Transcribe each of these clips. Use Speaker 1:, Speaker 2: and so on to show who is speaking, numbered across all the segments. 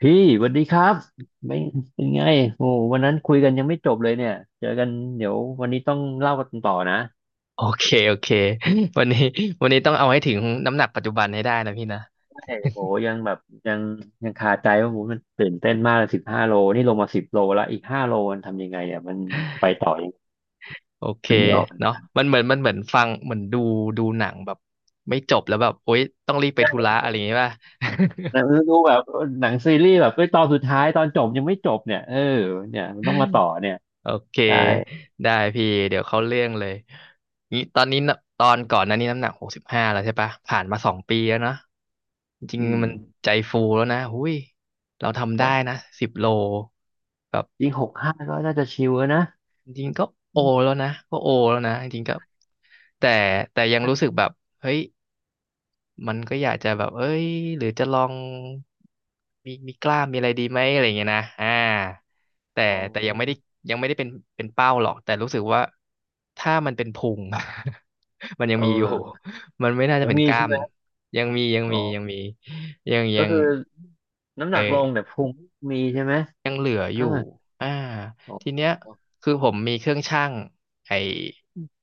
Speaker 1: พี่สวัสดีครับไม่เป็นไงโอ้วันนั้นคุยกันยังไม่จบเลยเนี่ยเจอกันเดี๋ยววันนี้ต้องเล่ากันต่อนะ
Speaker 2: โอเคโอเค วันนี้ วันนี้ต้องเอาให้ถึงน้ำหนักปัจจุบันให้ได้นะพี่นะ
Speaker 1: ใช่โอ้ยังแบบยังยังคาใจว่าโอ้มันตื่นเต้นมากเลย15 โลนี่ลงมา10 โลแล้วอีกห้าโลมันทำยังไงอ่ะมันไปต่อยัง
Speaker 2: โอเค
Speaker 1: นึกไม่ออก
Speaker 2: เนาะมันเหมือนฟังเหมือนดูหนังแบบไม่จบแล้วแบบโอ๊ยต้องรีบไปธุ
Speaker 1: ใช่
Speaker 2: ระอะไรอย่างงี้ป่ะ
Speaker 1: หนังดูแบบหนังซีรีส์แบบเอ้ยตอนสุดท้ายตอนจบยังไม่จบเนี่ยเออเนี่ยมันต้องมาต่อเนี่ย
Speaker 2: โอเค
Speaker 1: ใช่
Speaker 2: ได้พี่เดี๋ยวเข้าเรื่องเลยนี่ตอนนี้น่ะตอนก่อนหนั้นนี่น้ำหนัก65แล้วใช่ปะผ่านมาสองปีแล้วเนาะจริง
Speaker 1: อื
Speaker 2: ๆ
Speaker 1: ม
Speaker 2: มันใจฟูแล้วนะหุ้ยเราทำ
Speaker 1: ตร
Speaker 2: ได้
Speaker 1: ง
Speaker 2: นะสิบโลแบบ
Speaker 1: อีกหกห้าก็น่าจะชิวแล้วนะ
Speaker 2: จริงๆก็โอ
Speaker 1: อืม
Speaker 2: แล้วนะก็โอแล้วนะจริงๆก็แต่แต่ยัง
Speaker 1: ใช่
Speaker 2: รู้สึกแบบเฮ้ยมันก็อยากจะแบบเอ้ยหรือจะลองมีกล้ามมีอะไรดีไหมอะไรอย่างเงี้ยนะแต่
Speaker 1: อ๋อ
Speaker 2: แต่ยังไม่ได้เป็นเป้าหรอกแต่รู้สึกว่าถ้ามันเป็นพุง มันยัง
Speaker 1: เอ
Speaker 2: มีอยู่
Speaker 1: อ
Speaker 2: มันไม่น่าจะ
Speaker 1: ยัง
Speaker 2: เป็น
Speaker 1: มี
Speaker 2: กล้า
Speaker 1: ใช่
Speaker 2: ม
Speaker 1: ไหม
Speaker 2: ยังมียัง
Speaker 1: อ๋อ
Speaker 2: มียังมียังยั
Speaker 1: ก็
Speaker 2: ง
Speaker 1: คือน้ำห
Speaker 2: เอ
Speaker 1: นักลงแต่
Speaker 2: อ
Speaker 1: พุงมีใช่ไหม
Speaker 2: ยังเหลืออ
Speaker 1: อ่า
Speaker 2: ยู่อ่า
Speaker 1: อ๋
Speaker 2: ทีเนี้
Speaker 1: อ
Speaker 2: ยคือผมมีเครื่องชั่งไอ้
Speaker 1: อ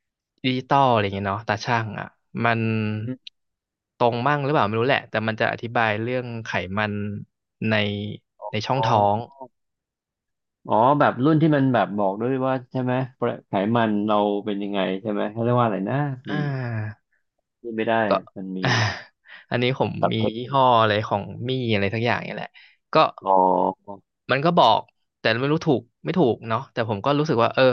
Speaker 2: ดิจิตอลอะไรเงี้ยเนาะตาชั่งอ่ะ มัน
Speaker 1: ืม
Speaker 2: ตรงมั่งหรือเปล่าไม่รู้แหละ แต่มันจะอธิบายเรื่องไขมันในในช่
Speaker 1: อ๋
Speaker 2: อง
Speaker 1: อ
Speaker 2: ท้อง
Speaker 1: อ๋อแบบรุ่นที่มันแบบบอกด้วยว่าใช่ไหมไขมันเราเป็นยังไงใช่ไหมเขาเรียกว่าอะไรนะ
Speaker 2: อ่
Speaker 1: มัน
Speaker 2: า
Speaker 1: พูดไม่ได้
Speaker 2: ก็
Speaker 1: มัน มี
Speaker 2: อ่าอันนี้ผม
Speaker 1: ศัพ
Speaker 2: มี
Speaker 1: ท์เทค
Speaker 2: ยี่
Speaker 1: นิ
Speaker 2: ห้
Speaker 1: ค
Speaker 2: ออะไรของมี่อะไรสักอย่างเนี่ยแหละ ก็
Speaker 1: อ๋อ
Speaker 2: มันก็บอกแต่ไม่รู้ถูกไม่ถูกเนาะแต่ผมก็รู้สึกว่าเออ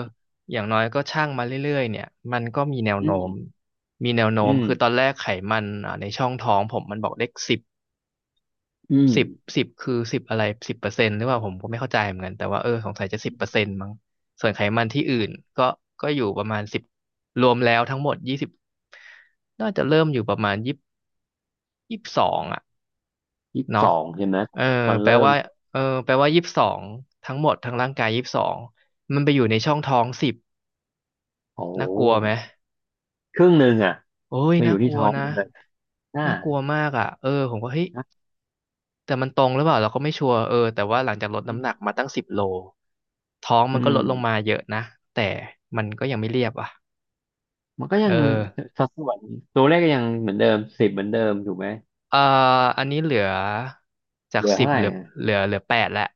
Speaker 2: อย่างน้อยก็ช่างมาเรื่อยๆเนี่ยมันก็มีแนว
Speaker 1: อื
Speaker 2: โน้
Speaker 1: ม
Speaker 2: มมีแนวโน้
Speaker 1: อื
Speaker 2: มคือตอ
Speaker 1: ม
Speaker 2: นแรกไขมันในช่องท้องผมมันบอกเลขสิบ
Speaker 1: อืม
Speaker 2: สิบสิบคือสิบอะไรสิบเปอร์เซ็นต์หรือเปล่าผมก็ไม่เข้าใจเหมือนกันแต่ว่าเออสงสัยจะสิบเปอร์เซ็นต์มั้งส่วนไขมันที่อื่นก็ก็อยู่ประมาณสิบรวมแล้วทั้งหมดยี่สิบน่าจะเริ่มอยู่ประมาณยี่สิบสองอ่ะ
Speaker 1: ยี่สิบส
Speaker 2: เนาะ
Speaker 1: องใช่ไหม
Speaker 2: เออ
Speaker 1: ตอน
Speaker 2: แปล
Speaker 1: เริ่ม
Speaker 2: ว่ายี่สิบสองทั้งหมดทั้งร่างกายยี่สิบสองมันไปอยู่ในช่องท้องสิบ
Speaker 1: โอ้โ
Speaker 2: น่ากลัวไหม
Speaker 1: หครึ่งหนึ่งอ่ะ
Speaker 2: โอ้ย
Speaker 1: มาอ
Speaker 2: น่า
Speaker 1: ยู่
Speaker 2: ก
Speaker 1: ที่
Speaker 2: ลัว
Speaker 1: ท้อง
Speaker 2: นะ
Speaker 1: มันเลยอ่า
Speaker 2: น่ากลัวมากอ่ะเออผมก็เฮ้ย
Speaker 1: นะ
Speaker 2: แต่มันตรงหรือเปล่าเราก็ไม่ชัวร์เออแต่ว่าหลังจากลด
Speaker 1: อื
Speaker 2: น้ำหนัก
Speaker 1: ม
Speaker 2: มาตั้งสิบโลท้องมั
Speaker 1: อื
Speaker 2: นก็
Speaker 1: ม
Speaker 2: ลดลงมาเยอะนะแต่มันก็ยังไม่เรียบอ่ะ
Speaker 1: มันก็ยั
Speaker 2: เอ
Speaker 1: ง
Speaker 2: อ
Speaker 1: มีสัดส่วนตัวเลขก็ยังเหมือนเดิมสิบเหมือนเดิมถูกไหม
Speaker 2: เอ่ออันนี้เหลือจา
Speaker 1: เห
Speaker 2: ก
Speaker 1: ลือ
Speaker 2: สิบ
Speaker 1: เท่าไหร่อ่ะ
Speaker 2: เหลือแปดแล้ว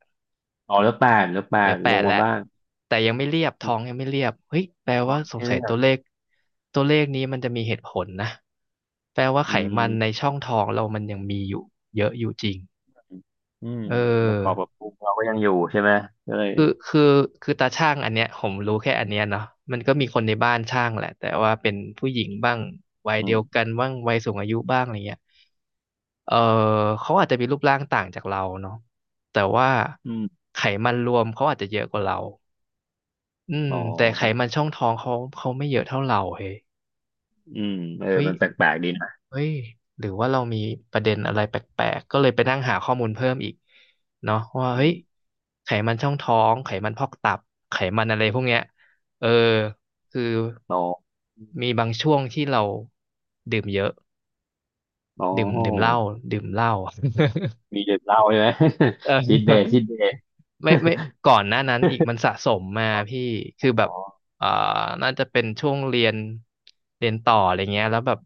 Speaker 1: อ๋อแล้วแปดแล้วแป
Speaker 2: เหลื
Speaker 1: ด
Speaker 2: อแป
Speaker 1: ลง
Speaker 2: ดแห
Speaker 1: มา
Speaker 2: ละ
Speaker 1: บ้าง
Speaker 2: แต่ยังไม่เรียบ
Speaker 1: อื
Speaker 2: ท้อ
Speaker 1: ม
Speaker 2: งยังไม่เรียบเฮ้ยแปล
Speaker 1: ขอ
Speaker 2: ว่าสง
Speaker 1: ให้
Speaker 2: สั
Speaker 1: เลื
Speaker 2: ย
Speaker 1: อ
Speaker 2: ตั
Speaker 1: ก
Speaker 2: วเลขตัวเลขนี้มันจะมีเหตุผลนะแปลว่า
Speaker 1: อื
Speaker 2: ไขมันใน
Speaker 1: ม
Speaker 2: ช่องท้องเรามันยังมีอยู่เยอะอยู่จริง
Speaker 1: อืม
Speaker 2: เ
Speaker 1: ประกอบ
Speaker 2: ออ
Speaker 1: กับปรุงเราก็ยังอยู่ใช่ไหมก็เลย
Speaker 2: คือคือคือตาช่างอันเนี้ยผมรู้แค่อันเนี้ยเนาะมันก็มีคนในบ้านช่างแหละแต่ว่าเป็นผู้หญิงบ้างวัย
Speaker 1: อื
Speaker 2: เดียว
Speaker 1: ม
Speaker 2: กันบ้างวัยสูงอายุบ้างอะไรเงี้ยเออเขาอาจจะมีรูปร่างต่างจากเราเนาะแต่ว่า
Speaker 1: อืม
Speaker 2: ไขมันรวมเขาอาจจะเยอะกว่าเรา อืม
Speaker 1: อ๋อ
Speaker 2: แต่ไขมันช่องท้องเขาเขาไม่เยอะเท่าเราเฮ้ย
Speaker 1: อืมเออ
Speaker 2: เฮ้ย
Speaker 1: มันแปลกๆดีนะ
Speaker 2: เฮ้ยหรือว่าเรามีประเด็นอะไรแปลกๆก็เลยไปนั่งหาข้อมูลเพิ่มอีกเนาะว่า
Speaker 1: อื
Speaker 2: เฮ้ย
Speaker 1: ม
Speaker 2: ไขมันช่องท้องไขมันพอกตับไขมันอะไรพวกเนี้ยเออคือ
Speaker 1: อ๋อ
Speaker 2: มีบางช่วงที่เราดื่มเยอะ
Speaker 1: อ๋
Speaker 2: ดื่มเหล้า
Speaker 1: อ
Speaker 2: ดื่มเหล้า
Speaker 1: มีเด็กเล่าใช่ไหม
Speaker 2: เออ
Speaker 1: ชิดเดย์ชิดเดย์
Speaker 2: ไม่ก่อนหน้านั้นอีกมันสะสมมา
Speaker 1: อ๋อ
Speaker 2: พี่คือแบ
Speaker 1: อ
Speaker 2: บ
Speaker 1: อ
Speaker 2: เอ่อน่าจะเป็นช่วงเรียนเรียนต่ออะไรเงี้ยแล้วแบบ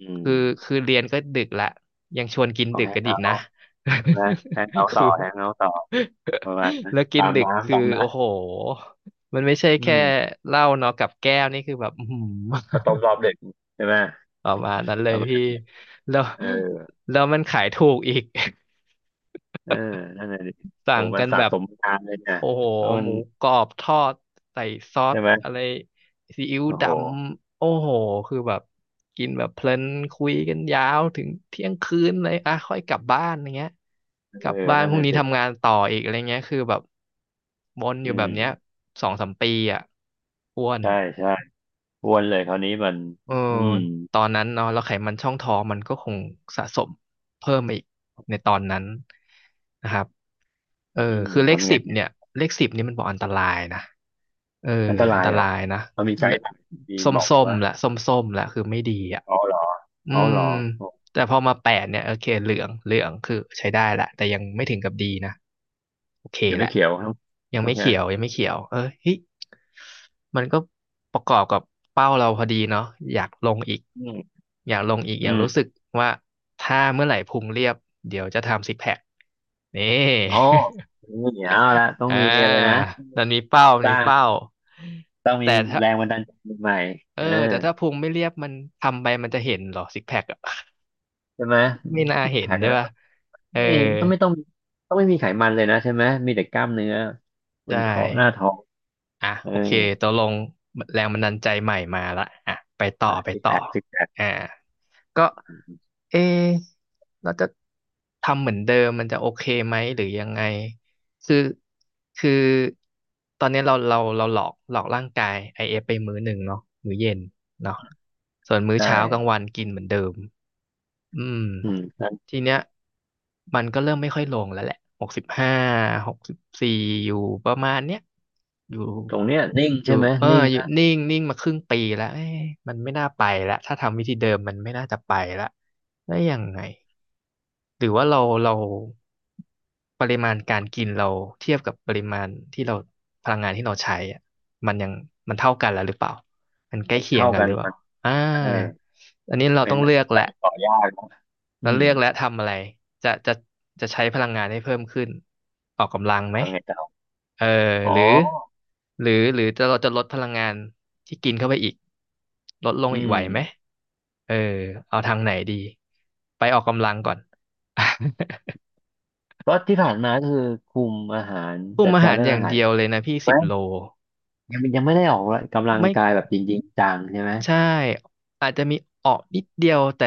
Speaker 1: อืม
Speaker 2: คือคือเรียนก็ดึกละยังชวนกิน
Speaker 1: เอา
Speaker 2: ดึก
Speaker 1: แฮง
Speaker 2: กันอี
Speaker 1: เอา
Speaker 2: กนะ
Speaker 1: ท์ใช่ไหมแฮงเอา ท์ต่
Speaker 2: คื
Speaker 1: อ
Speaker 2: อ
Speaker 1: แฮงเอาท์ต่อประมาณนั้น
Speaker 2: แล้วกิ
Speaker 1: ตา
Speaker 2: น
Speaker 1: ม
Speaker 2: ดึก
Speaker 1: น้ำ
Speaker 2: คือ
Speaker 1: ตามน้
Speaker 2: โอ้โหมันไม่ใช่
Speaker 1: อื
Speaker 2: แค่
Speaker 1: ม
Speaker 2: เหล้าเนาะกับแก้วนี่คือแบบอื้อหื
Speaker 1: ข้า
Speaker 2: อ
Speaker 1: วต้มรอบเด็กใช่ไหม
Speaker 2: ประมาณนั้นเล
Speaker 1: ป
Speaker 2: ย
Speaker 1: ระมาณ
Speaker 2: พี่
Speaker 1: นั้น
Speaker 2: แล้ว
Speaker 1: เออ
Speaker 2: แล้วมันขายถูกอีก
Speaker 1: เออนั่นหละดิ
Speaker 2: สั่
Speaker 1: โห
Speaker 2: ง
Speaker 1: มั
Speaker 2: กั
Speaker 1: น
Speaker 2: น
Speaker 1: สะ
Speaker 2: แบบ
Speaker 1: สมมานานเลยเนี่ย
Speaker 2: โอ้โห
Speaker 1: แล้วมั
Speaker 2: ห
Speaker 1: น
Speaker 2: มูกรอบทอดใส่ซอส
Speaker 1: ใช่ไหม
Speaker 2: อะไรซีอิ๊ว
Speaker 1: โอ้
Speaker 2: ด
Speaker 1: โห
Speaker 2: ำโอ้โหคือแบบกินแบบเพลินคุยกันยาวถึงเที่ยงคืนเลยอ่ะค่อยกลับบ้านอย่างเงี้ย
Speaker 1: เอ
Speaker 2: กลับ
Speaker 1: อ
Speaker 2: บ้าน
Speaker 1: นั่
Speaker 2: พ
Speaker 1: น
Speaker 2: รุ่
Speaker 1: น
Speaker 2: ง
Speaker 1: ละ
Speaker 2: นี้
Speaker 1: สิ
Speaker 2: ทำงานต่ออีกอะไรเงี้ยคือแบบวนอ
Speaker 1: อื
Speaker 2: ยู่แบบเนี้ย
Speaker 1: ม
Speaker 2: สองสามปีอ่ะอ้วน
Speaker 1: ใช่ใช่อ้วนเลยคราวนี้มัน
Speaker 2: เออ
Speaker 1: อืม
Speaker 2: ตอนนั้นเนาะแล้วไขมันช่องท้องมันก็คงสะสมเพิ่มมาอีกในตอนนั้นนะครับ เออ
Speaker 1: อืม
Speaker 2: คือเลข
Speaker 1: ทำไง
Speaker 2: สิบ
Speaker 1: เนี่ย
Speaker 2: เนี่ยเลขสิบนี่มันบอกอันตรายนะเออ
Speaker 1: อันต
Speaker 2: อัน
Speaker 1: ราย
Speaker 2: ต
Speaker 1: เหรอ
Speaker 2: รายนะ
Speaker 1: มันมีไก
Speaker 2: เล
Speaker 1: ด์ไลน์มี
Speaker 2: ส้ม
Speaker 1: บอก
Speaker 2: ส้ม
Speaker 1: ว่า
Speaker 2: ละส้มส้มละคือไม่ดีอ่ะ
Speaker 1: อ๋อเหรอ
Speaker 2: อื
Speaker 1: อ๋อเห
Speaker 2: ม
Speaker 1: รอโอ้
Speaker 2: แต่พอมาแปดเนี่ยโอเคเหลืองเหลืองคือใช้ได้ละแต่ยังไม่ถึงกับดีนะโอเค
Speaker 1: ยัง
Speaker 2: แห
Speaker 1: ไม่
Speaker 2: ละ
Speaker 1: เขียวครับ
Speaker 2: ยัง
Speaker 1: โอ
Speaker 2: ไม่
Speaker 1: เค
Speaker 2: เขียวยังไม่เขียวเออเฮ้ยมันก็ประกอบกับเป้าเราพอดีเนาะอยากลงอีก
Speaker 1: อืม
Speaker 2: อยากลงอีกอ
Speaker 1: อื
Speaker 2: ย่างรู้สึก
Speaker 1: ม
Speaker 2: ว่าถ้าเมื่อไหร่พุงเรียบเดี๋ยวจะทำซิกแพคนี่
Speaker 1: อ๋อ นี่เอาละต้อง
Speaker 2: อ่
Speaker 1: มีอะไร
Speaker 2: า
Speaker 1: นะ
Speaker 2: นั่นมีเป้าม
Speaker 1: ส
Speaker 2: นมี
Speaker 1: ร้าง
Speaker 2: เป้า
Speaker 1: ต้องมี
Speaker 2: แต่ถ้า
Speaker 1: แรงบันดาลใจใหม่
Speaker 2: เอ
Speaker 1: ๆ
Speaker 2: อ
Speaker 1: เออ
Speaker 2: แต่ถ้าพุงไม่เรียบมันทำไปมันจะเห็นเหรอซิกแพคอะ
Speaker 1: ใช่ไหม
Speaker 2: ไม่น่า
Speaker 1: ซิก
Speaker 2: เห็
Speaker 1: แพ
Speaker 2: น
Speaker 1: ค
Speaker 2: ใช่
Speaker 1: นะ
Speaker 2: ป่ะ
Speaker 1: ต้อง
Speaker 2: เออ
Speaker 1: ไม่ต้องไม่ต้องต้องไม่มีไขมันเลยนะใช่ไหมมีแต่กล้ามเนื้อบ
Speaker 2: ใช่
Speaker 1: นท้องหน้าท้อง
Speaker 2: อ่ะ
Speaker 1: เออ
Speaker 2: โอเคตกลงแรงบันดาลใจใหม่มาละอ่ะไปต่อไป
Speaker 1: ซิก
Speaker 2: ต่อ
Speaker 1: แพคซิกแพค
Speaker 2: อ่าก็เอะเราจะทำเหมือนเดิมมันจะโอเคไหมหรือยังไงคือคือตอนนี้เราหลอกร่างกาย IF ไปมื้อหนึ่งเนาะมื้อเย็นเนาะส่วนมื้อ
Speaker 1: ใช่
Speaker 2: เช้ากลางวันกินเหมือนเดิมอืม
Speaker 1: อืมนั้น
Speaker 2: ทีเนี้ยมันก็เริ่มไม่ค่อยลงแล้วแหละ6564อยู่ประมาณเนี้ยอยู่
Speaker 1: ตรงเนี้ยนิ่ง
Speaker 2: อยู่
Speaker 1: ใช่ไหม
Speaker 2: เออ
Speaker 1: นิ่ง
Speaker 2: อยู่
Speaker 1: นะ
Speaker 2: นิ่งนิ่งมาครึ่งปีแล้วเอ๊ะมันไม่น่าไปแล้วถ้าทำวิธีเดิมมันไม่น่าจะไปแล้วแล้วยังไงหรือว่าเราปริมาณการกินเราเทียบกับปริมาณที่เราพลังงานที่เราใช้อะมันยังมันเท่ากันแล้วหรือเปล่ามันใกล้
Speaker 1: มัน
Speaker 2: เคียง
Speaker 1: เท่า
Speaker 2: กัน
Speaker 1: กั
Speaker 2: ห
Speaker 1: น
Speaker 2: รือเปล่า
Speaker 1: มัน
Speaker 2: อ่า
Speaker 1: ใช่
Speaker 2: อันนี้เรา
Speaker 1: ไม่
Speaker 2: ต้อง
Speaker 1: น่
Speaker 2: เลือก
Speaker 1: ไป
Speaker 2: แหละ
Speaker 1: ต่อยากนะอื
Speaker 2: แล้วเลื
Speaker 1: ม
Speaker 2: อกและทำอะไรจะจะจะใช้พลังงานให้เพิ่มขึ้นออกกำลังไหม
Speaker 1: ทำไงต่อ
Speaker 2: เออ
Speaker 1: อ๋อ
Speaker 2: หรือหรือเราจะลดพลังงานที่กินเข้าไปอีกลดลง
Speaker 1: อื
Speaker 2: อีกไหวไหม
Speaker 1: ม
Speaker 2: เออเอาทางไหนดีไปออกกำลังก่อน
Speaker 1: ก็ที่ผ่านมาก็คือคุมอาหาร
Speaker 2: คุม
Speaker 1: จัด
Speaker 2: อา
Speaker 1: การ
Speaker 2: หาร
Speaker 1: เรื่อ
Speaker 2: อ
Speaker 1: ง
Speaker 2: ย่า
Speaker 1: อา
Speaker 2: ง
Speaker 1: หาร
Speaker 2: เดียวเลยนะพี่
Speaker 1: ใช่ไห
Speaker 2: สิ
Speaker 1: ม
Speaker 2: บโล
Speaker 1: ยังยังไม่ได้ออกกำลัง
Speaker 2: ไม่
Speaker 1: กายแบบจริงๆจังใช่ไหม
Speaker 2: ใช่อาจจะมีออกนิดเดียวแต่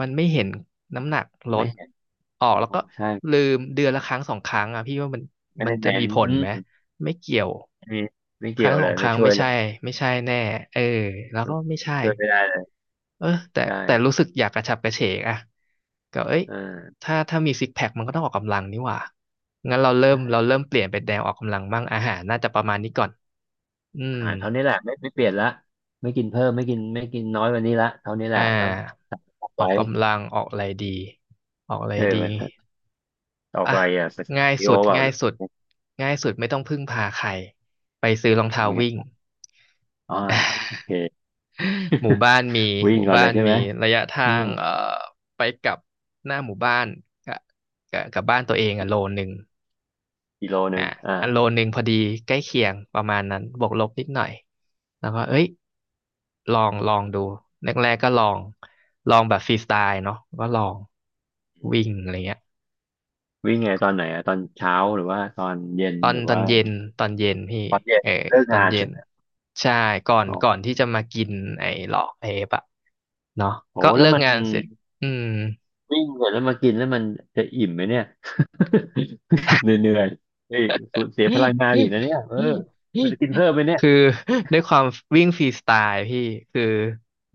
Speaker 2: มันไม่เห็นน้ำหนักล
Speaker 1: ไม่
Speaker 2: ด
Speaker 1: เห็น
Speaker 2: ออ
Speaker 1: อ๋อ
Speaker 2: กแล้วก็
Speaker 1: ใช่
Speaker 2: ลืมเดือนละครั้งสองครั้งอ่ะพี่ว่ามัน
Speaker 1: ไม่
Speaker 2: มัน
Speaker 1: ได้
Speaker 2: จะ
Speaker 1: เน้
Speaker 2: มี
Speaker 1: น
Speaker 2: ผล
Speaker 1: อื
Speaker 2: ไหม
Speaker 1: ม
Speaker 2: ไม่เกี่ยว
Speaker 1: ไม่ไม่
Speaker 2: ค
Speaker 1: เกี่ย
Speaker 2: รั้ง
Speaker 1: ว
Speaker 2: ส
Speaker 1: เล
Speaker 2: อ
Speaker 1: ย
Speaker 2: งค
Speaker 1: ไม่
Speaker 2: รั้ง
Speaker 1: ช่ว
Speaker 2: ไม่
Speaker 1: ยเล
Speaker 2: ใช่
Speaker 1: ย
Speaker 2: ไม่ใช่แน่เออแล้ว
Speaker 1: อื
Speaker 2: ก็
Speaker 1: ม
Speaker 2: ไม่ใช่
Speaker 1: ช่วยไม่ได้เลย
Speaker 2: เออแต่
Speaker 1: ใช่
Speaker 2: แต่รู้สึกอยากกระฉับกระเฉงอ่ะก็เอ้ย
Speaker 1: อ่า
Speaker 2: ถ้ามีซิกแพคมันก็ต้องออกกำลังนี่หว่างั้นเราเริ่ม
Speaker 1: ใช่
Speaker 2: เราเริ่มเปลี่ยนเป็นแนวออกกำลังบ้างอาหารน่าจะประมาณนี้ก่อนอื
Speaker 1: อา
Speaker 2: ม
Speaker 1: หารเท่านี้แหละไม่ไม่เปลี่ยนละไม่กินเพิ่มไม่กินไม่กินน้อยกวันนี้ละเท่านี้แห
Speaker 2: อ่
Speaker 1: ละแล้ว
Speaker 2: า
Speaker 1: ออก
Speaker 2: ออ
Speaker 1: ไว้
Speaker 2: กกำลังออกอะไรดีออกอะไร
Speaker 1: เออ
Speaker 2: ดี
Speaker 1: มันออก
Speaker 2: อ่ะ
Speaker 1: ไปอ่ะสคา
Speaker 2: ง่า
Speaker 1: ร์
Speaker 2: ย
Speaker 1: ดิโอ
Speaker 2: สุด
Speaker 1: เปล่า
Speaker 2: ง่า
Speaker 1: ห
Speaker 2: ย
Speaker 1: รือ
Speaker 2: สุดง่ายสุดไม่ต้องพึ่งพาใครไปซื้อรองเท้า
Speaker 1: ทำไง
Speaker 2: วิ่ง
Speaker 1: อ่าโอเค
Speaker 2: หมู่บ้านมี
Speaker 1: วิ่
Speaker 2: ห
Speaker 1: ง
Speaker 2: มู่
Speaker 1: ก่อน
Speaker 2: บ้า
Speaker 1: เลย
Speaker 2: น
Speaker 1: ใช่
Speaker 2: มี
Speaker 1: ไหม
Speaker 2: ระยะทา
Speaker 1: อืม
Speaker 2: งไปกลับหน้าหมู่บ้านกะกะกับบ้านตัวเองอ่ะโลนึง
Speaker 1: กิโลหนึ่
Speaker 2: อ่า
Speaker 1: งอ่า
Speaker 2: 1 โลพอดีใกล้เคียงประมาณนั้นบวกลบนิดหน่อยแล้วก็เอ้ยลองลองดูแรกๆก็ลองแบบฟรีสไตล์เนาะก็ลอง
Speaker 1: อืม
Speaker 2: วิ่งอะไรเงี้ย
Speaker 1: วิ่งไงตอนไหนอ่ะตอนเช้าหรือว่าตอนเย็น
Speaker 2: ตอน
Speaker 1: หรือ
Speaker 2: ตอน
Speaker 1: ว่า
Speaker 2: เย็นตอนเย็นพี่
Speaker 1: ตอนเย็น
Speaker 2: เออ
Speaker 1: เลิก
Speaker 2: ตอน
Speaker 1: งาน
Speaker 2: เย็
Speaker 1: ใช่
Speaker 2: น
Speaker 1: ไหม
Speaker 2: ใช่ก่อน
Speaker 1: อ๋
Speaker 2: ก่อน
Speaker 1: อ
Speaker 2: ที่จะมากินไอ้หลอกไอ้เอฟอะเนาะ
Speaker 1: โห
Speaker 2: ก็
Speaker 1: แล้
Speaker 2: เลิ
Speaker 1: ว
Speaker 2: ก
Speaker 1: มัน
Speaker 2: งานเสร็จอืม
Speaker 1: วิ่งเสร็จแล้วมากินแล้วมันจะอิ่มไหมเนี่ย เหนื่อยๆเฮ้ยสูญเสียพลังงานอีกนะเนี่ยเออมันจะกินเพิ่ม ไหมเนี่ย
Speaker 2: คือ ด้วยความวิ่งฟรีสไตล์พี่คือ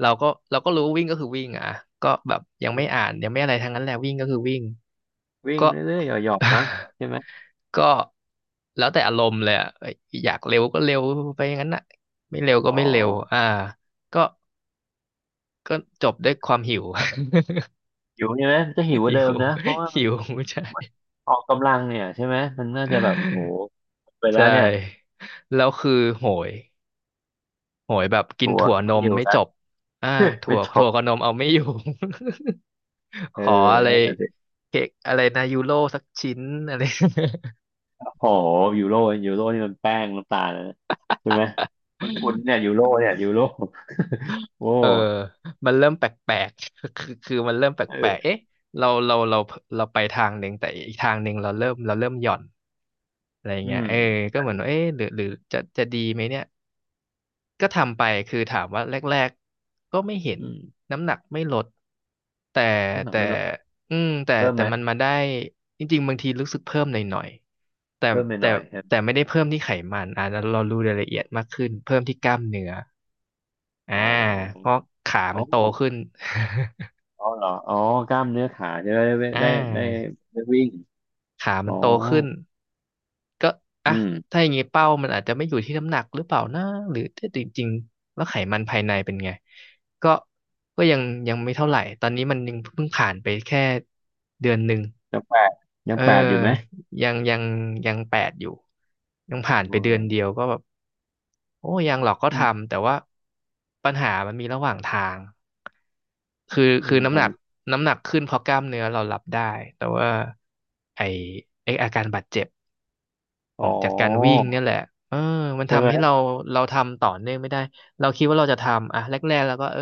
Speaker 2: เราก็เราก็รู้วิ่งก็คือวิ่งอ่ะก็แบบยังไม่อ่านยังไม่อะไรทั้งนั้นแหละวิ่งก็คือวิ่ง
Speaker 1: วิ่ง
Speaker 2: ก็
Speaker 1: เรื่อยๆหยอกๆนะใช่ไหม
Speaker 2: ก็แล้วแต่อารมณ์เลยอ่ะเอ้ยอยากเร็วก็เร็วไปอย่างนั้นน่ะไม่เร็วก็
Speaker 1: อ๋อ
Speaker 2: ไม่เร็วอ่าก็ก็จบด้วยความหิว
Speaker 1: หิวใช่ไหมจะหิวก
Speaker 2: หิ
Speaker 1: ว่าเดิ
Speaker 2: ว
Speaker 1: มนะเพราะว่ามั
Speaker 2: หิ
Speaker 1: น
Speaker 2: วใช่
Speaker 1: มันออกกำลังเนี่ยใช่ไหมมันน่าจะแบบโอ้โหไปแล้
Speaker 2: ใช่
Speaker 1: วเนี่ย
Speaker 2: แล้วคือโหย โหยแบบกิน
Speaker 1: ถั่ว
Speaker 2: ถั่วน
Speaker 1: ไม่
Speaker 2: ม
Speaker 1: หิว
Speaker 2: ไม่
Speaker 1: แล้
Speaker 2: จ
Speaker 1: ว
Speaker 2: บอ่า ถั่
Speaker 1: ไม่
Speaker 2: ว
Speaker 1: จ
Speaker 2: ถั่
Speaker 1: บ
Speaker 2: วกับนมเอาไม่อยู่
Speaker 1: เอ
Speaker 2: ข
Speaker 1: อ
Speaker 2: ออะไร
Speaker 1: นั่นน่ะสิ
Speaker 2: เค้กอะไรนะยูโรสักชิ้นอะไร
Speaker 1: โอ้โหยูโรยูโรนี่มันแป้งน้ำตาลนะใช่ไหมคุณคุณเนี่ยยู โรเนี่ยยูโรโอ
Speaker 2: เออ
Speaker 1: ้
Speaker 2: มันเริ่มแปลกๆคือมันเริ่มแปลกๆ
Speaker 1: เออ
Speaker 2: เอ๊ะเราเราเราเราไปทางหนึ่งแต่อีกทางหนึ่งเราเริ่มหย่อนอะไร
Speaker 1: อื
Speaker 2: เงี้ย
Speaker 1: ม
Speaker 2: เออก็เหมือนว่าเอ๊ะหรือจะดีไหมเนี่ย ก็ทำไปคือถามว่าแรกๆก็ไม่เห็น
Speaker 1: อืม
Speaker 2: น้ำหนักไม่ลดแต่
Speaker 1: น้ำหนัก
Speaker 2: แต่
Speaker 1: ไม่ล
Speaker 2: อืมแต่
Speaker 1: เพิ่ม
Speaker 2: แต่
Speaker 1: ไหม
Speaker 2: มันมาได้จริงๆบางทีรู้สึกเพิ่มหน่อยๆ
Speaker 1: เพิ่มไปห
Speaker 2: แต่
Speaker 1: น่อยใช่ไหม
Speaker 2: แต่ไม่ได้เพิ่มที่ไขมันอ่าเรารู้รายละเอียดมากขึ้นเพิ่มที่กล้ามเนื้ออ่า
Speaker 1: อ๋อ
Speaker 2: เพราะขา
Speaker 1: อ๋
Speaker 2: มั
Speaker 1: อ
Speaker 2: นโตขึ้น
Speaker 1: อ๋อเหรออ๋อกล้ามเนื้อขาจะได้ได้
Speaker 2: อ่า
Speaker 1: ได้ได้วิ่ง
Speaker 2: ขา
Speaker 1: อ๋
Speaker 2: มั
Speaker 1: อ
Speaker 2: นโตขึ้น ก็อ่ะ
Speaker 1: อืม
Speaker 2: ถ้าอย่างงี้เป้ามันอาจจะไม่อยู่ที่น้ำหนักหรือเปล่านะหรือถ้าจริงๆแล้วไขมันภายในเป็นไงก็ก็ยังไม่เท่าไหร่ตอนนี้มันยังเพิ่งผ่านไปแค่1 เดือน
Speaker 1: ยังแปดยั
Speaker 2: เอ
Speaker 1: ง
Speaker 2: อ
Speaker 1: แปดอยู่ไหม
Speaker 2: ยังยังยังแปดอยู่ยังผ่านไป
Speaker 1: อ๋อ
Speaker 2: เดือนเดียวก็แบบโอ้ยังหรอกก็
Speaker 1: อืม
Speaker 2: ทำแต่ว่าปัญหามันมีระหว่างทางคือ
Speaker 1: อื
Speaker 2: คือ
Speaker 1: มท
Speaker 2: น้ำหนักขึ้นเพราะกล้ามเนื้อเรารับได้แต่ว่าไอไออาการบาดเจ็บ
Speaker 1: ำ
Speaker 2: ขอ
Speaker 1: อ๋
Speaker 2: ง
Speaker 1: อ
Speaker 2: จากการวิ่งเนี่ยแหละเออมัน
Speaker 1: ใช่ไหม
Speaker 2: ทำให้เราทำต่อเนื่องไม่ได้ เราคิดว่าเราจะทำอ่ะแรกๆแล้วก็เออ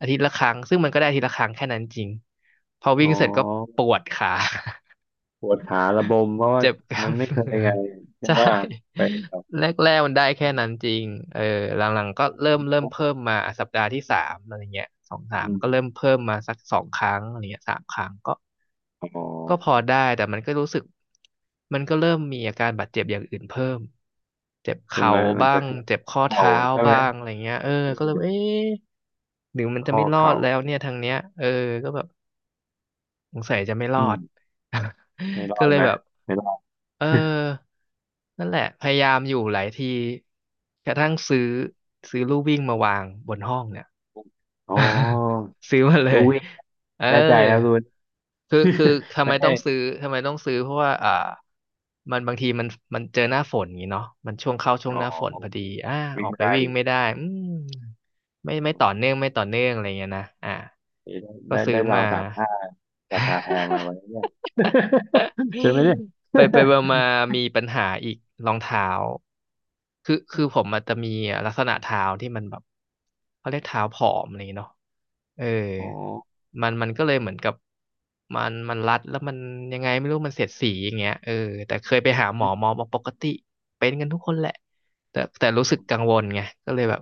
Speaker 2: อาทิตย์ละครั้งซึ่งมันก็ได้อาทิตย์ละครั้งแค่นั้นจริงพอวิ่
Speaker 1: อ๋อ
Speaker 2: งเสร็จก็ปวดขา
Speaker 1: ปวดขาระบมเพราะว่า
Speaker 2: เจ็บกล้า
Speaker 1: มั
Speaker 2: ม
Speaker 1: นไม่
Speaker 2: เน
Speaker 1: เคย
Speaker 2: ื้อ
Speaker 1: ไง ใช่
Speaker 2: ใช่
Speaker 1: ไหมไปแบบ
Speaker 2: แรกๆมันได้แค่นั้นจริงเออหลังๆก็เริ่มเพิ่มมาอ่ะสัปดาห์ที่สามอะไรเงี้ยสองสาม
Speaker 1: อืม
Speaker 2: ก็เริ่มเพิ่มมาสักสองครั้งอะไรเงี้ยสามครั้งก็
Speaker 1: อ๋อ
Speaker 2: ก็พอได้แต่มันก็รู้สึกมันก็เริ่มมีอาการบาดเจ็บอย่างอื่นเพิ่มเจ็บ
Speaker 1: ใช่
Speaker 2: เข่า
Speaker 1: ไหมมัน
Speaker 2: บ้า
Speaker 1: จะ
Speaker 2: ง
Speaker 1: ทั้ง
Speaker 2: เจ็บข้อ
Speaker 1: เข่า
Speaker 2: เท้า
Speaker 1: ใช่ไหม
Speaker 2: บ้างอะไรเงี้ยก็เลยเอ๊ะหรือมันจะ
Speaker 1: ข้อ
Speaker 2: ไม่รอด
Speaker 1: เข่า
Speaker 2: แล้วเนี่ยทางเนี้ยก็แบบสงสัยจะไม่ร
Speaker 1: อื
Speaker 2: อด
Speaker 1: ม ไม่รอ
Speaker 2: ก็
Speaker 1: ด
Speaker 2: เลย
Speaker 1: ไหม
Speaker 2: แบบ
Speaker 1: ไม่รอด
Speaker 2: เออนั่นแหละพยายามอยู่หลายทีกระทั่งซื้อลู่วิ่งมาวางบนห้องเนี่ย
Speaker 1: อ๋อ
Speaker 2: ซื้อมาเล
Speaker 1: รู้
Speaker 2: ย
Speaker 1: วิ่ง
Speaker 2: เออ
Speaker 1: แน่ใจครับรุน
Speaker 2: คือ
Speaker 1: ไม่ใช่
Speaker 2: ทำไมต้องซื้อเพราะว่าบางทีมันมันเจอหน้าฝนอย่างงี้เนาะมันช่วงเข้าช่วง
Speaker 1: อ๋
Speaker 2: ห
Speaker 1: อ
Speaker 2: น้าฝนพอดีอ่าอ
Speaker 1: วิ่ง
Speaker 2: อก
Speaker 1: ไม่
Speaker 2: ไป
Speaker 1: ได้
Speaker 2: วิ่ง
Speaker 1: ดิ
Speaker 2: ไม่ได้อืมไม่
Speaker 1: อื
Speaker 2: ต่อเนื่อง
Speaker 1: ม
Speaker 2: ไม่ต่อเนื่องอะไรเงี้ยนะก็
Speaker 1: ได้
Speaker 2: ซื้
Speaker 1: ได้
Speaker 2: อ
Speaker 1: ได้ราว
Speaker 2: มา
Speaker 1: ตากผ้าราคาแพงมาไว้ เนี่ย ใช่ไหมเนี่ย
Speaker 2: ไป มาๆมีปัญหาอีกรองเท้าคือผมมันจะมีลักษณะเท้าที่มันแบบเขาเรียกเท้าผอมอะไรอย่างเงี้ยเนาะเออ
Speaker 1: อ๋อ
Speaker 2: มันก็เลยเหมือนกับมันรัดแล้วมันยังไงไม่รู้มันเสียดสีอย่างเงี้ยแต่เคยไปหาหม
Speaker 1: อื
Speaker 2: อหม
Speaker 1: ม
Speaker 2: อบอกปกติเป็นกันทุกคนแหละแต่รู้สึกกังวลไงก็เลยแบบ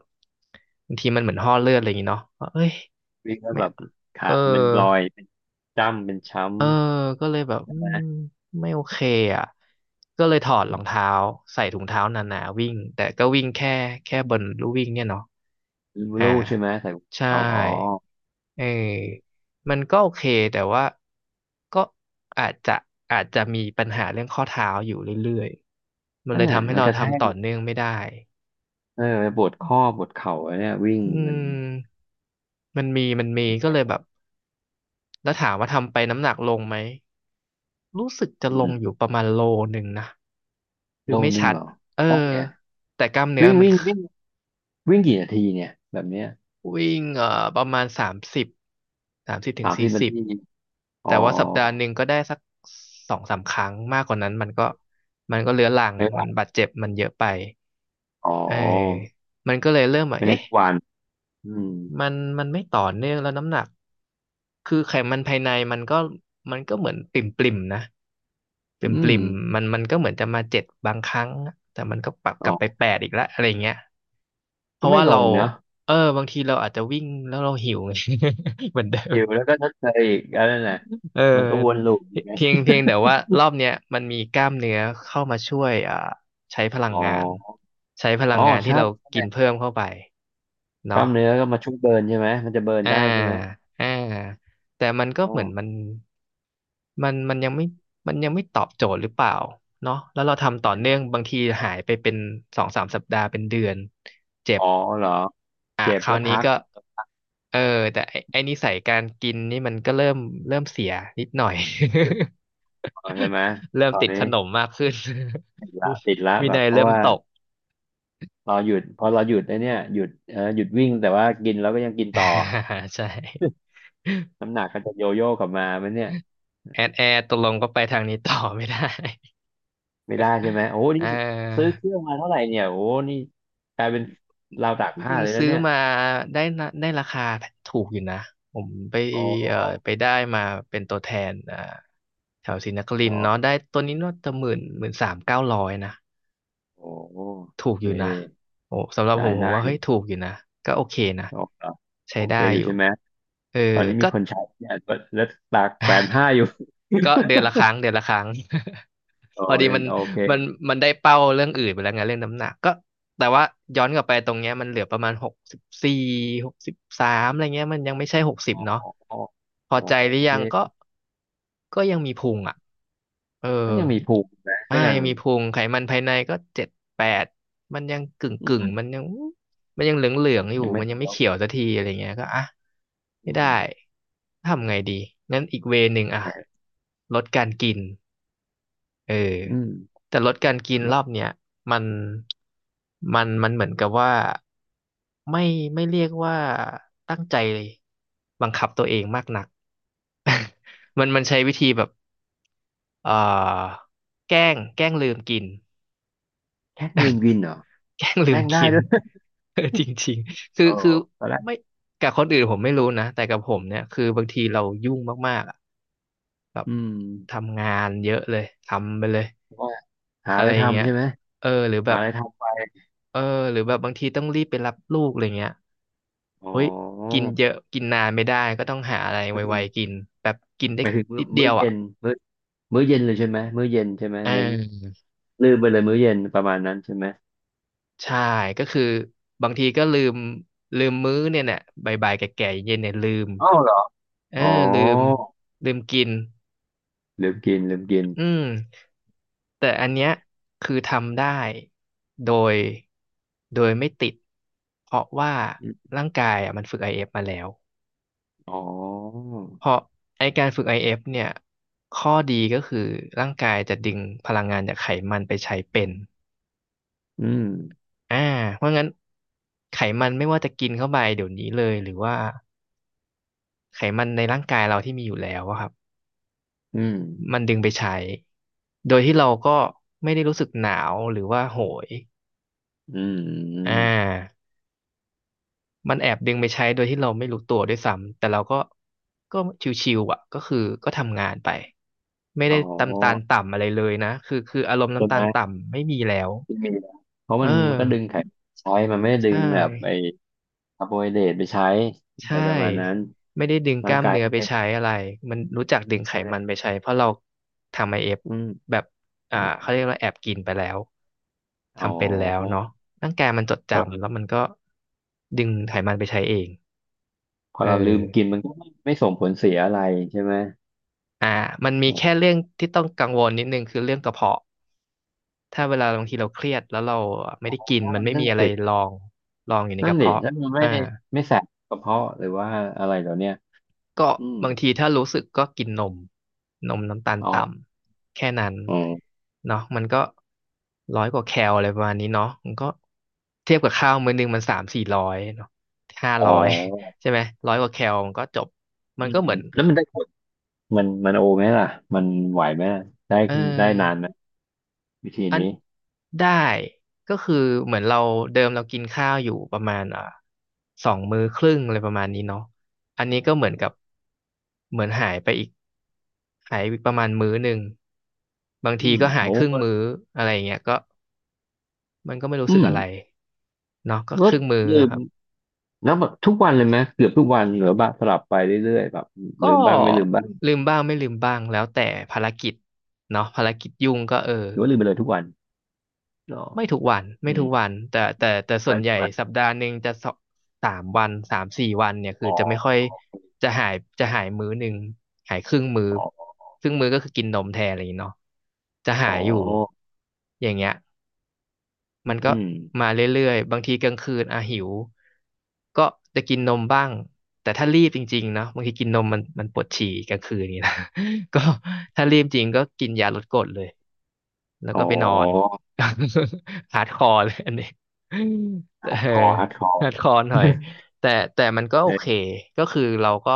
Speaker 2: บางทีมันเหมือนห่อเลือดอะไรอย่างเงี้ยเนาะว่าเอ้ย
Speaker 1: วิ่งแล้ว
Speaker 2: ไม่
Speaker 1: แบบ
Speaker 2: เอ
Speaker 1: ขา
Speaker 2: อ
Speaker 1: มันลอยเป็นจ้ำเป็นช้
Speaker 2: เออก็เลยแบบอืมไม่โอเคอ่ะก็เลยถอด
Speaker 1: ำอื
Speaker 2: รอ
Speaker 1: ม
Speaker 2: งเท้าใส่ถุงเท้าหนาๆวิ่งแต่ก็วิ่งแค่บนลู่วิ่งเนี่ยเนาะอ่า
Speaker 1: รูใช่ไหมใส่รอง
Speaker 2: ใช่
Speaker 1: เท้าอ๋อ
Speaker 2: เอ
Speaker 1: โอ
Speaker 2: อ
Speaker 1: เค
Speaker 2: มันก็โอเคแต่ว่าก็อาจจะอาจจะมีปัญหาเรื่องข้อเท้าอยู่เรื่อยๆมัน
Speaker 1: เออ
Speaker 2: เลยทำให้
Speaker 1: มัน
Speaker 2: เรา
Speaker 1: กระแท
Speaker 2: ทำ
Speaker 1: ก
Speaker 2: ต่อเนื่องไม่ได้
Speaker 1: เออปวดข้อปวดเข่าไอ้เนี่ยวิ่ง
Speaker 2: อื
Speaker 1: มัน
Speaker 2: มมันมีก็เลยแบบแล้วถามว่าทำไปน้ำหนักลงไหมรู้สึกจะ
Speaker 1: อื
Speaker 2: ล
Speaker 1: ม
Speaker 2: งอยู่ประมาณโลหนึ่งนะ คื
Speaker 1: โล
Speaker 2: อไม่
Speaker 1: นึง
Speaker 2: ชัด
Speaker 1: เหรอ
Speaker 2: เออ
Speaker 1: ได้เนี่ย
Speaker 2: แต่กล้ามเนื้อ
Speaker 1: วิ่ง
Speaker 2: มัน
Speaker 1: วิ่งวิ่งวิ่งกี่นาทีเนี่ยแบบเนี้ย
Speaker 2: วิ่งประมาณสามสิบสามสิบถึ
Speaker 1: สา
Speaker 2: ง
Speaker 1: ม
Speaker 2: สี่
Speaker 1: สิบนา
Speaker 2: สิบ
Speaker 1: ทีอ๋อ
Speaker 2: แต่ว่าสัปดาห์หนึ่งก็ได้สักสองสามครั้งมากกว่านั้นมันก็เรื้อรังมันบาดเจ็บมันเยอะไป
Speaker 1: อ๋อ
Speaker 2: เออมันก็เลยเริ่มแบบ
Speaker 1: ไม่ได้
Speaker 2: เอ๊ะ
Speaker 1: ทุกวันอืม
Speaker 2: มันมันไม่ต่อเนื่องแล้วน้ำหนักคือไขมันภายในมันก็เหมือนปริ่มปริมนะปริ่มป
Speaker 1: อื
Speaker 2: ริ
Speaker 1: ม
Speaker 2: มมันก็เหมือนจะมาเจ็ดบางครั้งแต่มันก็ปรับก
Speaker 1: อ๋
Speaker 2: ลั
Speaker 1: อ
Speaker 2: บไปแปดอีกแล้วอะไรเงี้ย เพ
Speaker 1: ก็
Speaker 2: ราะ
Speaker 1: ไม่
Speaker 2: ว่า
Speaker 1: ล
Speaker 2: เรา
Speaker 1: งเนาะ
Speaker 2: บางทีเราอาจจะวิ่งแล้วเราหิวไง เหมือนเดิ
Speaker 1: อ
Speaker 2: ม
Speaker 1: ยู่แล้วก็ทดเชยอีกอันนั้นแหละ
Speaker 2: เอ
Speaker 1: มันก็วน
Speaker 2: อ
Speaker 1: ลูปอย่าง เงี้ย
Speaker 2: เพียงแต่ว่ารอบเนี้ยมันมีกล้ามเนื้อเข้ามาช่วยใช้พลัง
Speaker 1: อ๋อ
Speaker 2: งานใช้พลั
Speaker 1: อ๋อ
Speaker 2: งงานที่
Speaker 1: ใช่
Speaker 2: เรากิ
Speaker 1: ใช่
Speaker 2: นเพิ่มเข้าไป
Speaker 1: กล้า
Speaker 2: เนาะ
Speaker 1: มเนื้อก็มาช่วยเบิร์นใช่ไหมมันจะเบิร์น
Speaker 2: อ่า
Speaker 1: ได้ใช่ไหม
Speaker 2: อ่าแต่มันก็
Speaker 1: อ๋อ
Speaker 2: เหมือนมันมันยังไม่ยังไม่ตอบโจทย์หรือเปล่าเนาะแล้วเราทำ
Speaker 1: มั
Speaker 2: ต่อ
Speaker 1: นจะ
Speaker 2: เนื่องบางทีหายไปเป็นสองสามสัปดาห์เป็นเดือนเจ็บ
Speaker 1: อ๋อเหรอ
Speaker 2: อ่ะ
Speaker 1: เจ็บ
Speaker 2: ครา
Speaker 1: แล้
Speaker 2: ว
Speaker 1: ว
Speaker 2: นี้
Speaker 1: พัก
Speaker 2: ก็เออแต่ไอ้นิสัยการกินนี่มันก็เริ่มเสียนิดหน่อย
Speaker 1: อ๋อใช่ไหม
Speaker 2: เริ่ม
Speaker 1: ตอน
Speaker 2: ติด
Speaker 1: นี้
Speaker 2: ขนมมากขึ้น
Speaker 1: ติดละ
Speaker 2: วิ
Speaker 1: แบบ
Speaker 2: นัย
Speaker 1: เพราะ
Speaker 2: เริ่ม
Speaker 1: ว่า
Speaker 2: ตก
Speaker 1: เราหยุดพอเราหยุดไอ้เนี่ยหยุดหยุดวิ่งแต่ว่ากินแล้วก็ยังกินต่อ
Speaker 2: ใช่
Speaker 1: น้ำหนักก็จะโยโย่กลับมาไหมันเนี่ย
Speaker 2: แอดตกลงก็ไปทางนี้ต่อไม่ได้
Speaker 1: ไม่ได้ใช่ไหมโอ้
Speaker 2: เ
Speaker 1: นี่ซื้อ
Speaker 2: ออ
Speaker 1: เครื่องมาเท่าไหร่เนี่ยโอ้นี่กลายเป็นราวตาก
Speaker 2: จ
Speaker 1: ผ้า
Speaker 2: ริง
Speaker 1: เลย
Speaker 2: ๆ
Speaker 1: แล้ว
Speaker 2: ซื้อ
Speaker 1: เนี่ย
Speaker 2: มาได้นะได้ราคาถูกอยู่นะผมไป
Speaker 1: อ๋อ
Speaker 2: เอ่อไปได้มาเป็นตัวแทนแถวศรีนคริ
Speaker 1: อ๋
Speaker 2: น
Speaker 1: อ
Speaker 2: ทร์เนาะได้ตัวนี้น่าจะหมื่นหมื่นสามเก้าร้อยนะ
Speaker 1: โอ้โอ
Speaker 2: ถูก
Speaker 1: เค
Speaker 2: อยู่นะโอ้สำหรับผ
Speaker 1: ได้
Speaker 2: มว่า
Speaker 1: ได้
Speaker 2: เฮ้ยถูกอยู่นะก็โอเคนะ
Speaker 1: โอเค
Speaker 2: ใช้
Speaker 1: โอเค
Speaker 2: ได้
Speaker 1: อ
Speaker 2: อ
Speaker 1: ยู่
Speaker 2: ยู่
Speaker 1: ใช่ไหม
Speaker 2: เออ
Speaker 1: ตอนนี้มี
Speaker 2: ก็
Speaker 1: คนใช้เนี่ยแล้วตากแขวนผ้าอยู่
Speaker 2: ก็เดือนละครั้งเดือนละครั้ง
Speaker 1: อ๋อ
Speaker 2: พอดี
Speaker 1: ยัง
Speaker 2: มัน
Speaker 1: โอเค
Speaker 2: มันมันได้เป้าเรื่องอื่นไปแล้วไงเรื่องน้ำหนักก็แต่ว่าย้อนกลับไปตรงเนี้ยมันเหลือประมาณหกสิบสี่หกสิบสามอะไรเงี้ยมันยังไม่ใช่หกสิบ
Speaker 1: อ๋อ
Speaker 2: เนาะ
Speaker 1: อ๋อ
Speaker 2: พอ
Speaker 1: อ๋อ
Speaker 2: ใจ
Speaker 1: โอ
Speaker 2: หรือ
Speaker 1: เค
Speaker 2: ยังก็ก็ยังมีพุงอ่ะเออ
Speaker 1: ก็ยังมีภูมินะก็ยัง
Speaker 2: ยังมีพุงไขมันภายในก็เจ็ดแปดมันยังกึ่ง
Speaker 1: อื
Speaker 2: กึ่ง
Speaker 1: ม
Speaker 2: มันยังมันยังเหลืองเหลืองอยู่
Speaker 1: ยังไม่
Speaker 2: มัน
Speaker 1: เป็
Speaker 2: ยั
Speaker 1: น
Speaker 2: งไม่
Speaker 1: ลบ
Speaker 2: เขียวสักทีอะไรเงี้ยก็อ่ะไม่
Speaker 1: อื
Speaker 2: ได้
Speaker 1: ม
Speaker 2: ทำไงดีงั้นอีกเวย์หนึ่งอ่ะ
Speaker 1: แหม
Speaker 2: ลดการกิน เออ
Speaker 1: อืม
Speaker 2: แต่ลดการกิน
Speaker 1: แล้
Speaker 2: ร
Speaker 1: ว
Speaker 2: อบเนี้ยมันมันมันเหมือนกับว่าไม่ไม่เรียกว่าตั้งใจบังคับตัวเองมากนัก มันใช้วิธีแบบเอ่อแกล้งลืมกิน
Speaker 1: แค่ลืมกินเหรอ
Speaker 2: แกล้งลื
Speaker 1: แล
Speaker 2: ม
Speaker 1: กได้
Speaker 2: กิน
Speaker 1: ด้วย
Speaker 2: เออจริง ๆคือ
Speaker 1: เออ
Speaker 2: คือ
Speaker 1: ตอนแรก
Speaker 2: ไม่กับคนอื่นผมไม่รู้นะแต่กับผมเนี่ยคือบางทีเรายุ่งมากๆอะแบบ
Speaker 1: อืม
Speaker 2: ทำงานเยอะเลยทำไปเลย
Speaker 1: ว่าหา
Speaker 2: อะ
Speaker 1: อะ
Speaker 2: ไร
Speaker 1: ไร
Speaker 2: อย่างเงี้
Speaker 1: ทำ
Speaker 2: ย
Speaker 1: ใช่ไหม
Speaker 2: เออหรือแบ
Speaker 1: หา
Speaker 2: บ
Speaker 1: อะไรทำไป
Speaker 2: เออหรือแบบบางทีต้องรีบไปรับลูกอะไรเงี้ย
Speaker 1: อ๋อ
Speaker 2: เฮ้ยกินเยอะกินนานไม่ได้ก็ต้องหาอะไร
Speaker 1: ไม่ถึ
Speaker 2: ไว
Speaker 1: ง
Speaker 2: ๆกินแบบกินได้
Speaker 1: ไม่ถึงมื้อ
Speaker 2: นิดเดี
Speaker 1: มื้อ
Speaker 2: ยว
Speaker 1: เย็
Speaker 2: อ่ะ
Speaker 1: น มื้อมื้อเย็นเลยใช่ไหมมื้อเย็นใช่ไหม
Speaker 2: เ
Speaker 1: เน้น
Speaker 2: ออ
Speaker 1: ลืมไปเลยมื้อเย็นประมาณนั้นใช่ไหม
Speaker 2: ใช่ก็คือบางทีก็ลืมมื้อเนี่ยเนี่ยบ่ายๆแก่ๆเย็นเนี่ยลืม
Speaker 1: อ้าวเหรอ
Speaker 2: เออ
Speaker 1: อ๋อ
Speaker 2: ลืมลืมกิน
Speaker 1: ลืมกิน
Speaker 2: อืมแต่อันเนี้ยคือทำได้โดยไม่ติดเพราะว่า
Speaker 1: อม
Speaker 2: ร่างกายอ่ะมันฝึก IF มาแล้ว
Speaker 1: อ๋อ
Speaker 2: เพราะไอการฝึก IF เอฟเนี่ยข้อดีก็คือร่างกายจะดึงพลังงานจากไขมันไปใช้เป็น
Speaker 1: อืม
Speaker 2: อ่าเพราะงั้นไขมันไม่ว่าจะกินเข้าไปเดี๋ยวนี้เลยหรือว่าไขมันในร่างกายเราที่มีอยู่แล้วอะครับ
Speaker 1: อืม
Speaker 2: มันดึงไปใช้โดยที่เราก็ไม่ได้รู้สึกหนาวหรือว่าโหย
Speaker 1: อืมอื
Speaker 2: อ่
Speaker 1: ม
Speaker 2: า มันแอบดึงไปใช้โดยที่เราไม่รู้ตัวด้วยซ้ำแต่เราก็ชิวๆอ่ะก็คือก็ทำงานไปไม่
Speaker 1: อ๋
Speaker 2: ได้
Speaker 1: อ
Speaker 2: ตำตาลต่ำอะไรเลยนะคืออารมณ์
Speaker 1: ใช่
Speaker 2: น้ำ
Speaker 1: ไห
Speaker 2: ตา
Speaker 1: ม
Speaker 2: ลต่ำไม่มีแล้ว
Speaker 1: ที่มีนะเพราะ
Speaker 2: เออ
Speaker 1: มันก็ดึงไขมันใช้มันไม่ได้ดึ
Speaker 2: ใช่
Speaker 1: งแบบไอ้คาร์โบไฮเดรตไปใช้
Speaker 2: ใช
Speaker 1: อะไรประมาณนั้น
Speaker 2: ่ไม่ได้ดึงก
Speaker 1: ร่าง
Speaker 2: ล้าม
Speaker 1: กาย
Speaker 2: เนื้อ
Speaker 1: ก็
Speaker 2: ไป
Speaker 1: ไม่
Speaker 2: ใช้อะไรมันรู้จักดึงไขมัน
Speaker 1: ได้
Speaker 2: ไปใช้เพราะเราทำIF
Speaker 1: อืม
Speaker 2: แบบ
Speaker 1: อ
Speaker 2: เขา
Speaker 1: ม
Speaker 2: เรียกว่าแอบกินไปแล้ว
Speaker 1: อ๋
Speaker 2: ทำเป็นแล้ว
Speaker 1: อ
Speaker 2: เนาะร่างกายมันจดจำแล้วมันก็ดึงไขมันไปใช้เอง
Speaker 1: พอ
Speaker 2: เอ
Speaker 1: เราลืมกิน
Speaker 2: อ
Speaker 1: มันก็ไม่ส่งผลเสียอะไรใช่ไหม
Speaker 2: อ่ามันมี
Speaker 1: อ๋อ
Speaker 2: แค่เรื่องที่ต้องกังวลนิดนึงคือเรื่องกระเพาะถ้าเวลาบางทีเราเครียดแล้วเราไม่ได้กินมันไม่
Speaker 1: นั่
Speaker 2: มี
Speaker 1: น
Speaker 2: อะ
Speaker 1: น่ะ
Speaker 2: ไร
Speaker 1: สิ
Speaker 2: รองรองอยู่ในก
Speaker 1: นั่น
Speaker 2: ระ
Speaker 1: ดิ
Speaker 2: เพาะ
Speaker 1: แล้วมันไม่
Speaker 2: อ่า
Speaker 1: ไม่แสบกระเพาะหรือว่าอะไรเหล่าเนี้ย
Speaker 2: ก็
Speaker 1: อืม
Speaker 2: บางทีถ้ารู้สึกก็กินนมนมน้ำตาล
Speaker 1: อ๋อ
Speaker 2: ต่ำแค่นั้น
Speaker 1: อืม
Speaker 2: เนาะมันก็ร้อยกว่าแคลอะไรประมาณนี้เนาะมันก็เทียบกับข้าวมื้อนึงมันสามสี่ร้อยเนาะห้า
Speaker 1: อ๋อ
Speaker 2: ร้อย ใช่ไหมร้อยกว่าแคลมันก็จบมั
Speaker 1: อื
Speaker 2: นก็
Speaker 1: ม
Speaker 2: เหมือน
Speaker 1: แล้วมันได้ผลมันโอไหมล่ะมันไหวไหมล่ะได้
Speaker 2: เอ
Speaker 1: ได้นาน
Speaker 2: อ
Speaker 1: ไหมวิธี
Speaker 2: อัน
Speaker 1: นี้
Speaker 2: ได้ก็คือเหมือนเราเดิมเรากินข้าวอยู่ประมาณสองมื้อครึ่งอะไรประมาณนี้เนาะอันนี้ก็เหมือนกับเหมือนหายไปอีกหายไปประมาณมื้อหนึ่งบาง
Speaker 1: อื
Speaker 2: ที
Speaker 1: ม
Speaker 2: ก็หาย
Speaker 1: โอ้
Speaker 2: ครึ่ง
Speaker 1: ก็
Speaker 2: มื้ออะไรอย่างเงี้ยก็มันก็ไม่รู้สึ
Speaker 1: อื
Speaker 2: ก
Speaker 1: ม
Speaker 2: อะไรเนาะก็
Speaker 1: ล
Speaker 2: ค
Speaker 1: ด
Speaker 2: รึ่งมื้อ
Speaker 1: ลื
Speaker 2: ค
Speaker 1: ม
Speaker 2: รับ
Speaker 1: แล้วแบบทุกวันเลยไหมเกือบทุกวันหรือว่างสลับไปเรื่อยๆแบบลื
Speaker 2: ก็
Speaker 1: มบ้างไม่ลืมบ้าง
Speaker 2: ลืมบ้างไม่ลืมบ้างแล้วแต่ภารกิจเนาะภารกิจยุ่งก็เออ
Speaker 1: หรือว่าลืมไปเลยทุกวันอ๋อ
Speaker 2: ไม่ทุกวันไม่
Speaker 1: อื
Speaker 2: ทุ
Speaker 1: ม
Speaker 2: กวันแต่ส่
Speaker 1: ไว้
Speaker 2: วนให
Speaker 1: ทุ
Speaker 2: ญ่
Speaker 1: กวัน
Speaker 2: สัปดาห์หนึ่งจะสองสามวันสามสี่วันเนี่ยคือ
Speaker 1: อ๋
Speaker 2: จะไม่ค่
Speaker 1: อ
Speaker 2: อยจะหายจะหายมื้อหนึ่งหายครึ่งมื้อ
Speaker 1: อ๋อ
Speaker 2: ครึ่งมื้อก็คือกินนมแทนอะไรอย่างเงี้ยเนาะจะหา
Speaker 1: อ๋อ
Speaker 2: ยอยู่อย่างเงี้ย มัน
Speaker 1: อื
Speaker 2: ก็
Speaker 1: ม
Speaker 2: มาเรื่อยๆ บางทีกลางคืนอ่ะหิวก็จะกินนมบ้างแต่ถ้ารีบจริงๆเนะบางทีกินนมมันปวดฉี่กลางคืนนี่นะ ก็ถ้ารีบจริงก็กินยาลดกรดเลยแล้ว
Speaker 1: อ๋
Speaker 2: ก็
Speaker 1: อ
Speaker 2: ไปนอน ฮาร์ดคอร์เลยอันนี้ เออ
Speaker 1: คอดคอร์
Speaker 2: ฮาร์ดคอหน่อย แต่แต่มันก็โอเค
Speaker 1: เออ
Speaker 2: ก็คือเราก็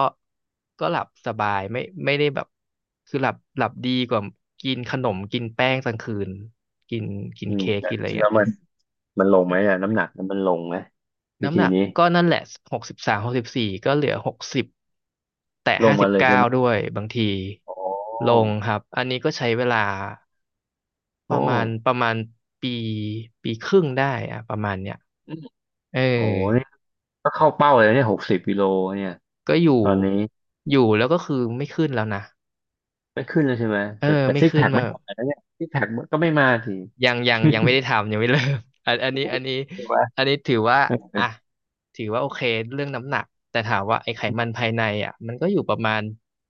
Speaker 2: ก็หลับสบายไม่ได้แบบคือหลับดีกว่ากินขนมกินแป้งกลางคืน กินกิน
Speaker 1: อืม
Speaker 2: เค้ก
Speaker 1: แต่
Speaker 2: กินอะไร
Speaker 1: แล้
Speaker 2: เงี้ย
Speaker 1: วมันมันลงไหมอะน้ำหนักมันลงไหมวิ
Speaker 2: น้ำห
Speaker 1: ธี
Speaker 2: นัก
Speaker 1: นี้
Speaker 2: ก็นั่นแหละ6364ก็เหลือหกสิบแต่
Speaker 1: ลง
Speaker 2: ห้าสิ
Speaker 1: มา
Speaker 2: บ
Speaker 1: เลย
Speaker 2: เก้า
Speaker 1: ใช่ไหม
Speaker 2: ด้วยบางที
Speaker 1: โอ
Speaker 2: ล
Speaker 1: ้
Speaker 2: งครับอันนี้ก็ใช้เวลาป
Speaker 1: โอ้
Speaker 2: ระมาณประมาณปีปีครึ่งได้อะประมาณเนี้ย
Speaker 1: อืม
Speaker 2: เออ
Speaker 1: โอ้นี่ก็เข้าเป้าเลยเนี่ย60 กิโลเนี่ย
Speaker 2: ก็อยู่
Speaker 1: ตอนนี้
Speaker 2: อยู่แล้วก็คือไม่ขึ้นแล้วนะ
Speaker 1: ไม่ขึ้นเลยใช่ไหม
Speaker 2: เออ
Speaker 1: แต่
Speaker 2: ไม่
Speaker 1: ซิก
Speaker 2: ขึ้
Speaker 1: แพ
Speaker 2: น
Speaker 1: ค
Speaker 2: มา
Speaker 1: ไม่มาแล้วเนี่ยซิกแพคมันก็ไม่มาที
Speaker 2: ยังไม่ได้ทำยังไม่เริ่ม อันอันนี้อันนี้
Speaker 1: ใช่ไหม
Speaker 2: อันนี้ถือว่า
Speaker 1: เออ
Speaker 2: อ่ะถือว่าโอเคเรื่องน้ำหนักแต่ถามว่าไอ้ไขมันภายในอ่ะมันก็อยู่ประมาณ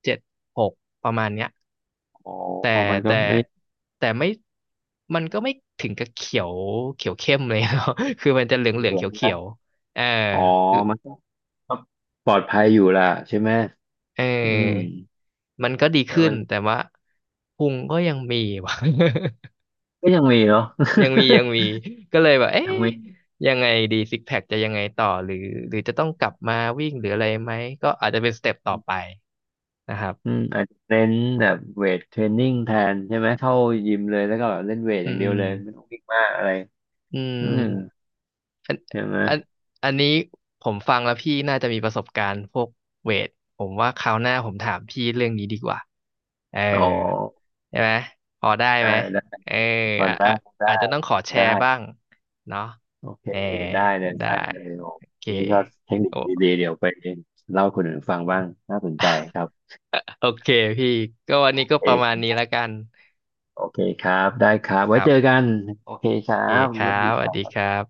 Speaker 2: เจ็ดหกประมาณเนี้ย
Speaker 1: อ๋อ
Speaker 2: แต่
Speaker 1: อ๋อมันก็
Speaker 2: แต่
Speaker 1: ไม่
Speaker 2: แต่ไม่มันก็ไม่ถึงกับเขียวเขียวเข้มเลย เนาะ คือมันจะเหลือง
Speaker 1: เห
Speaker 2: เหลือง
Speaker 1: ลือ
Speaker 2: เขียวเขี
Speaker 1: นะ
Speaker 2: ยวเออ
Speaker 1: อ๋อ
Speaker 2: คือ
Speaker 1: มันก็ปลอดภัยอยู่ล่ะใช่ไหม
Speaker 2: เอ
Speaker 1: อืม
Speaker 2: อมันก็ดี
Speaker 1: แล้ว
Speaker 2: ขึ้น
Speaker 1: มัน
Speaker 2: แต่ว่าพุงก็ยังมีว่ะ
Speaker 1: ก็ยังมีเนาะ
Speaker 2: ยังมียังมี ก็เลยแบบ
Speaker 1: ยั
Speaker 2: เอ๊ะ
Speaker 1: งมี
Speaker 2: ยังไงดีซิกแพคจะยังไงต่อหรือจะต้องกลับมาวิ่งหรืออะไรไหมก็อาจจะเป็นสเต็ปต่อไปนะครับ
Speaker 1: อืมอาจจะเน้นแบบเวทเทรนนิ่งแทนใช่ไหมเข้ายิมเลยแล้วก็แบบเล่นเวทอ
Speaker 2: อื
Speaker 1: ย่างเดีย
Speaker 2: ม
Speaker 1: วเลยไม่ต้องวิ่งมากอะไร
Speaker 2: อื
Speaker 1: อืม
Speaker 2: มอัน
Speaker 1: ใช่ไหม
Speaker 2: อันอันนี้ผมฟังแล้วพี่น่าจะมีประสบการณ์พวกเวทผมว่าคราวหน้าผมถามพี่เรื่องนี้ดีกว่าเออ
Speaker 1: อ๋อ
Speaker 2: ใช่ไหมพอได้
Speaker 1: ได้
Speaker 2: ไหม
Speaker 1: ได้
Speaker 2: เออ
Speaker 1: พอ
Speaker 2: อ่ะ
Speaker 1: ได้
Speaker 2: อ่ะ
Speaker 1: ได้
Speaker 2: อาจจะต้องขอแช
Speaker 1: ได้
Speaker 2: ร์บ้างเนาะ
Speaker 1: โอเค
Speaker 2: เออ
Speaker 1: ได้เลย
Speaker 2: ได้
Speaker 1: ได้เลยโอ้
Speaker 2: โอเค
Speaker 1: นี่ก็เทคนิค
Speaker 2: โอ้
Speaker 1: ดีๆเดี๋ยวไปเล่าให้คนอื่นฟังบ้างน่าสนใจครับ
Speaker 2: โอเคพี่ก็วันนี้ก็
Speaker 1: เอ
Speaker 2: ประ
Speaker 1: ก
Speaker 2: มาณนี้แล้วกัน
Speaker 1: โอเคครับได้ครับ
Speaker 2: ค
Speaker 1: ไว้
Speaker 2: รับ
Speaker 1: เจอกันโอเค
Speaker 2: โ
Speaker 1: ค
Speaker 2: อ
Speaker 1: รั
Speaker 2: เค
Speaker 1: บ
Speaker 2: ค
Speaker 1: สวัส
Speaker 2: รั
Speaker 1: ดี
Speaker 2: บส
Speaker 1: ค
Speaker 2: วัส
Speaker 1: รั
Speaker 2: ดี
Speaker 1: บ
Speaker 2: ครับ